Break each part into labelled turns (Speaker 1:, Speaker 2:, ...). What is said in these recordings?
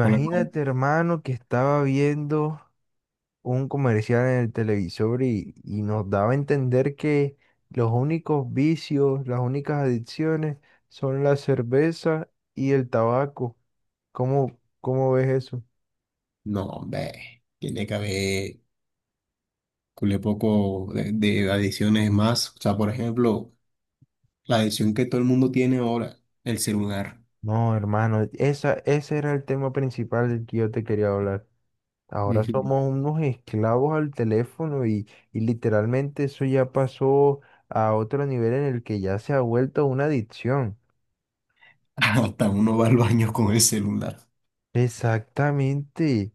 Speaker 1: Hola, ¿cómo?
Speaker 2: hermano, que estaba viendo un comercial en el televisor y nos daba a entender que los únicos vicios, las únicas adicciones son la cerveza y el tabaco. ¿Cómo ves eso?
Speaker 1: No, hombre, tiene que haber cule poco de adiciones más. O sea, por ejemplo, la adición que todo el mundo tiene ahora, el celular.
Speaker 2: No, hermano, ese era el tema principal del que yo te quería hablar. Ahora
Speaker 1: Ujú.
Speaker 2: somos unos esclavos al teléfono y literalmente eso ya pasó a otro nivel en el que ya se ha vuelto una adicción.
Speaker 1: Hasta uno va al baño con el celular.
Speaker 2: Exactamente.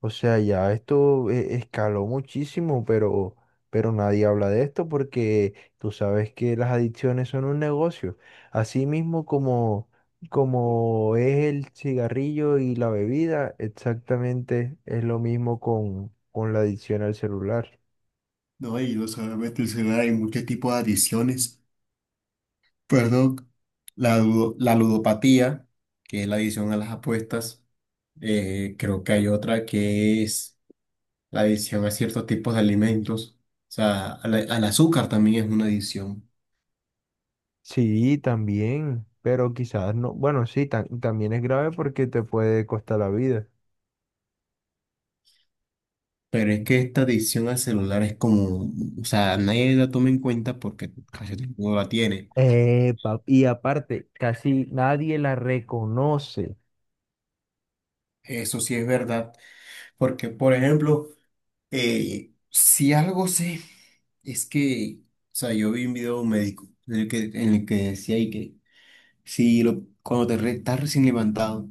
Speaker 2: O sea, ya esto escaló muchísimo, pero nadie habla de esto porque tú sabes que las adicciones son un negocio. Así mismo como, como es el cigarrillo y la bebida, exactamente es lo mismo con la adicción al celular.
Speaker 1: No, y no solamente el celular, hay muchos tipos de adiciones. Perdón. La ludopatía, que es la adición a las apuestas. Creo que hay otra que es la adición a ciertos tipos de alimentos. O sea, al azúcar también es una adición.
Speaker 2: Sí, también, pero quizás no. Bueno, sí, también es grave porque te puede costar la vida.
Speaker 1: Pero es que esta adicción al celular es como, o sea, nadie la toma en cuenta porque casi todo el mundo la tiene.
Speaker 2: Epa, y aparte, casi nadie la reconoce.
Speaker 1: Eso sí es verdad, porque, por ejemplo, si algo sé, es que, o sea, yo vi un video de un médico en el que decía ahí que si lo, cuando estás recién levantado,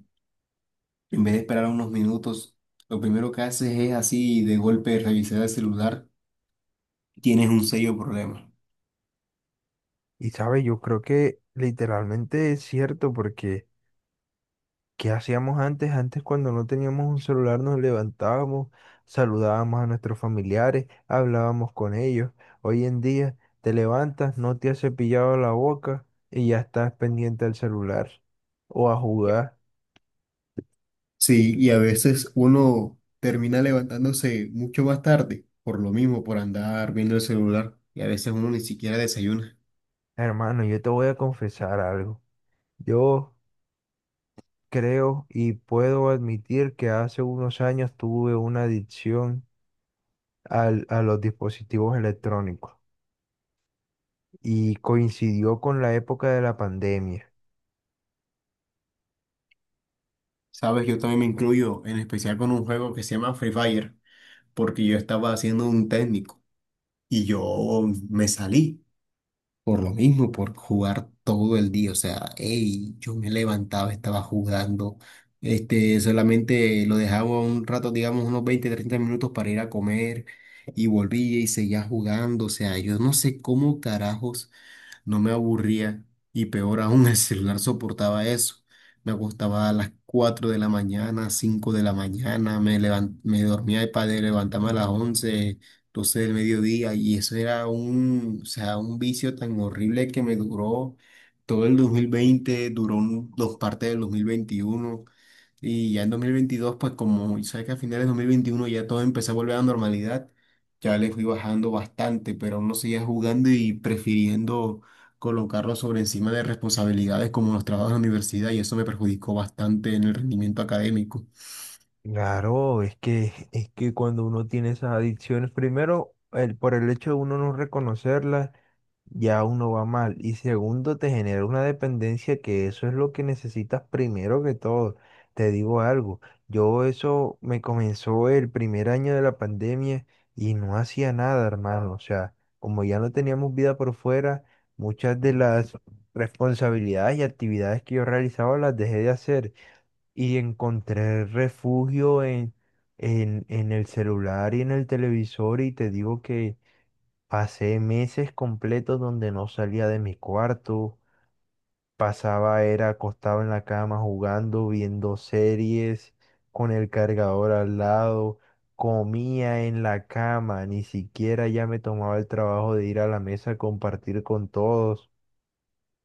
Speaker 1: en vez de esperar unos minutos, lo primero que haces es así de golpe revisar el celular, tienes un serio problema.
Speaker 2: Y sabes, yo creo que literalmente es cierto porque ¿qué hacíamos antes? Antes cuando no teníamos un celular nos levantábamos, saludábamos a nuestros familiares, hablábamos con ellos. Hoy en día te levantas, no te has cepillado la boca y ya estás pendiente al celular o a jugar.
Speaker 1: Sí, y a veces uno termina levantándose mucho más tarde, por lo mismo, por andar viendo el celular, y a veces uno ni siquiera desayuna.
Speaker 2: Hermano, yo te voy a confesar algo. Yo creo y puedo admitir que hace unos años tuve una adicción a los dispositivos electrónicos y coincidió con la época de la pandemia.
Speaker 1: Sabes, yo también me incluyo, en especial con un juego que se llama Free Fire, porque yo estaba haciendo un técnico y yo me salí. Por lo mismo, por jugar todo el día. O sea, hey, yo me levantaba, estaba jugando. Este, solamente lo dejaba un rato, digamos, unos 20 30 minutos para ir a comer y volvía y seguía jugando. O sea, yo no sé cómo carajos no me aburría y peor aún el celular soportaba eso. Me acostaba a las 4 de la mañana, 5 de la mañana, me dormía para levantarme a las 11 12 del mediodía, y eso era un, o sea, un vicio tan horrible que me duró todo el 2020, duró dos partes del 2021, y ya en 2022, pues como sabes que a finales de 2021 ya todo empezó a volver a la normalidad, ya le fui bajando bastante, pero aún no seguía jugando y prefiriendo colocarlo sobre encima de responsabilidades como los trabajos de la universidad, y eso me perjudicó bastante en el rendimiento académico.
Speaker 2: Claro, es que cuando uno tiene esas adicciones, primero, por el hecho de uno no reconocerlas, ya uno va mal. Y segundo, te genera una dependencia que eso es lo que necesitas primero que todo. Te digo algo, yo eso me comenzó el primer año de la pandemia y no hacía nada, hermano. O sea, como ya no teníamos vida por fuera, muchas de las responsabilidades y actividades que yo realizaba las dejé de hacer y encontré refugio en el celular y en el televisor y te digo que pasé meses completos donde no salía de mi cuarto, pasaba, era acostado en la cama jugando, viendo series, con el cargador al lado, comía en la cama, ni siquiera ya me tomaba el trabajo de ir a la mesa a compartir con todos.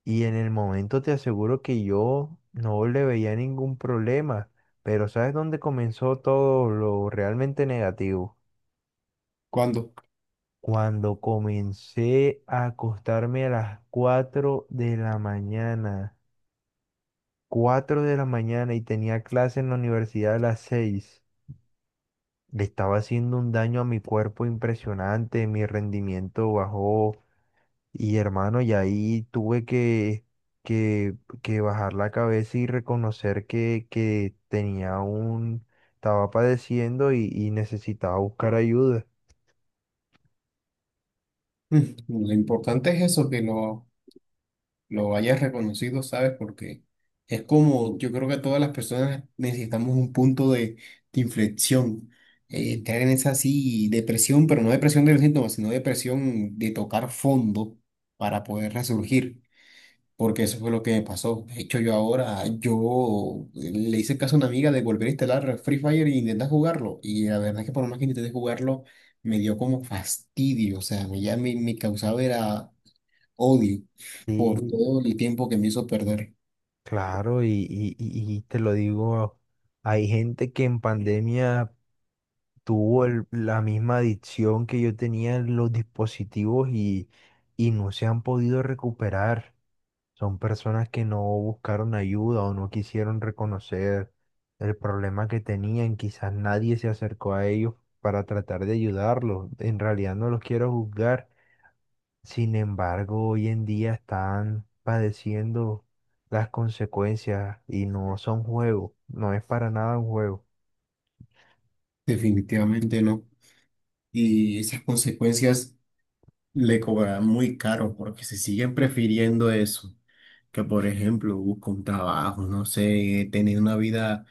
Speaker 2: Y en el momento te aseguro que yo no le veía ningún problema, pero ¿sabes dónde comenzó todo lo realmente negativo?
Speaker 1: Cuando.
Speaker 2: Cuando comencé a acostarme a las 4 de la mañana, 4 de la mañana y tenía clase en la universidad a las 6 le estaba haciendo un daño a mi cuerpo impresionante, mi rendimiento bajó. Y hermano, y ahí tuve que, que, que bajar la cabeza y reconocer que tenía un, estaba padeciendo y necesitaba buscar ayuda.
Speaker 1: mm, lo importante es eso, que no lo hayas reconocido, ¿sabes? Porque es como, yo creo que todas las personas necesitamos un punto de inflexión, entrar en esa así depresión, pero no depresión de los síntomas, sino depresión de tocar fondo para poder resurgir, porque eso fue lo que me pasó. De hecho, yo ahora, yo le hice caso a una amiga de volver a instalar Free Fire e intentar jugarlo, y la verdad es que por más que intenté jugarlo, me dio como fastidio, o sea, me ya me causaba era odio por
Speaker 2: Sí,
Speaker 1: todo el tiempo que me hizo perder.
Speaker 2: claro, y te lo digo, hay gente que en pandemia tuvo la misma adicción que yo tenía en los dispositivos y no se han podido recuperar. Son personas que no buscaron ayuda o no quisieron reconocer el problema que tenían. Quizás nadie se acercó a ellos para tratar de ayudarlos. En realidad no los quiero juzgar. Sin embargo, hoy en día están padeciendo las consecuencias y no son juegos. No es para nada un juego.
Speaker 1: Definitivamente no. Y esas consecuencias le cobrarán muy caro porque se siguen prefiriendo eso, que por ejemplo busco un trabajo, no sé, tener una vida,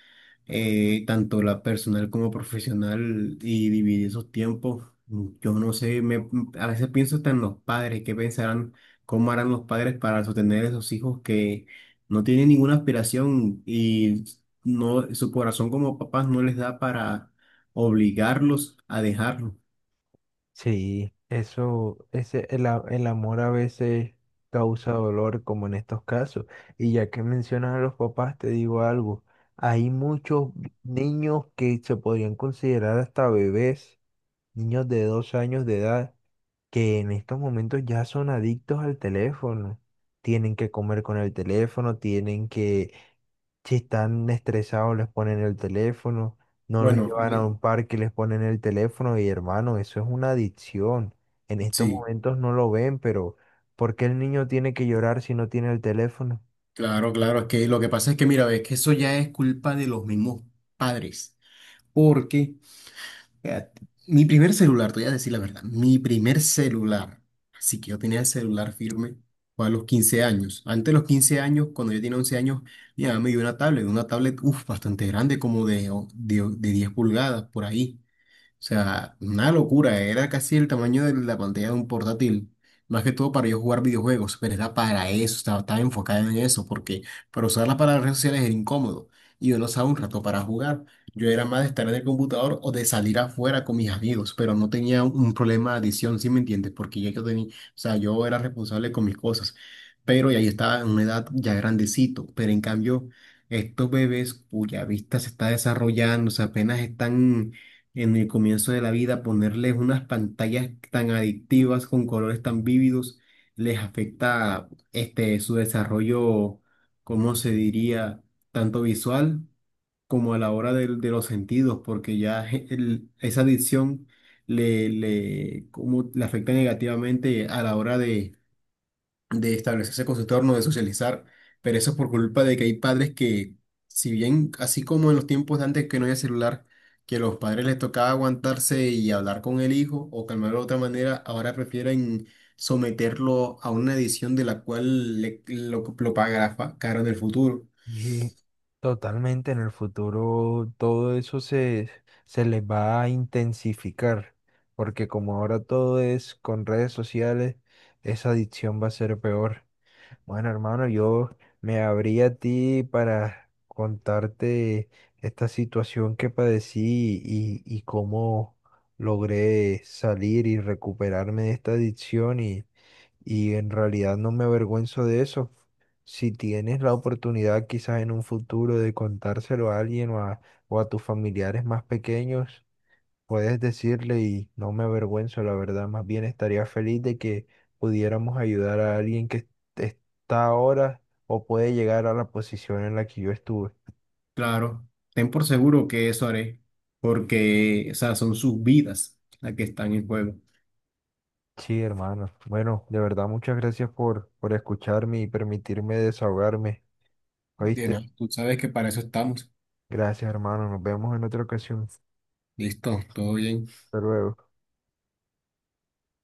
Speaker 1: tanto la personal como profesional y dividir esos tiempos. Yo no sé, a veces pienso hasta en los padres, qué pensarán, cómo harán los padres para sostener a esos hijos que no tienen ninguna aspiración y no, su corazón como papás no les da para obligarlos a dejarlo.
Speaker 2: Sí, eso, ese, el, a- el amor a veces causa dolor, como en estos casos. Y ya que mencionas a los papás, te digo algo. Hay muchos niños que se podrían considerar hasta bebés, niños de 2 años de edad, que en estos momentos ya son adictos al teléfono. Tienen que comer con el teléfono, tienen que si están estresados, les ponen el teléfono, no los
Speaker 1: Bueno,
Speaker 2: llevan a un parque, les ponen el teléfono y hermano, eso es una adicción. En estos
Speaker 1: sí,
Speaker 2: momentos no lo ven, pero ¿por qué el niño tiene que llorar si no tiene el teléfono?
Speaker 1: claro, claro, es que lo que pasa es que mira, es que eso ya es culpa de los mismos padres. Porque eh, mi primer celular, te voy a decir la verdad, mi primer celular, así que yo tenía el celular firme, fue a los 15 años. Antes de los 15 años, cuando yo tenía 11 años, mi mamá me dio una tablet, uf, bastante grande, como de 10 pulgadas por ahí. O sea, una locura, era casi el tamaño de la pantalla de un portátil, más que todo para yo jugar videojuegos, pero era para eso, estaba enfocada en eso, porque para usarla para las redes sociales era incómodo y yo no usaba un rato para jugar. Yo era más de estar en el computador o de salir afuera con mis amigos, pero no tenía un problema de adicción, ¿sí me entiendes? Porque ya yo tenía, o sea, yo era responsable con mis cosas, pero ya yo estaba en una edad ya grandecito, pero en cambio, estos bebés cuya vista se está desarrollando, o sea, apenas están en el comienzo de la vida, ponerles unas pantallas tan adictivas con colores tan vívidos, les afecta este, su desarrollo. ¿Cómo se diría? Tanto visual como a la hora de los sentidos, porque ya esa adicción como, le afecta negativamente a la hora de establecerse con su entorno, de socializar, pero eso es por culpa de que hay padres que, si bien, así como en los tiempos de antes que no había celular, que los padres les tocaba aguantarse y hablar con el hijo o calmarlo de otra manera, ahora prefieren someterlo a una edición de la cual lo pagará caro en el futuro.
Speaker 2: Y totalmente en el futuro todo se les va a intensificar, porque como ahora todo es con redes sociales, esa adicción va a ser peor. Bueno, hermano, yo me abrí a ti para contarte esta situación que padecí y cómo logré salir y recuperarme de esta adicción y en realidad no me avergüenzo de eso. Si tienes la oportunidad quizás en un futuro de contárselo a alguien o a tus familiares más pequeños, puedes decirle y no me avergüenzo, la verdad, más bien estaría feliz de que pudiéramos ayudar a alguien que est- está ahora o puede llegar a la posición en la que yo estuve.
Speaker 1: Claro, ten por seguro que eso haré, porque, o sea, son sus vidas las que están en juego.
Speaker 2: Sí, hermano. Bueno, de verdad, muchas gracias por escucharme y permitirme desahogarme.
Speaker 1: Bien, ah,
Speaker 2: ¿Oíste?
Speaker 1: tú sabes que para eso estamos.
Speaker 2: Gracias, hermano. Nos vemos en otra ocasión.
Speaker 1: Listo, todo bien.
Speaker 2: Hasta luego.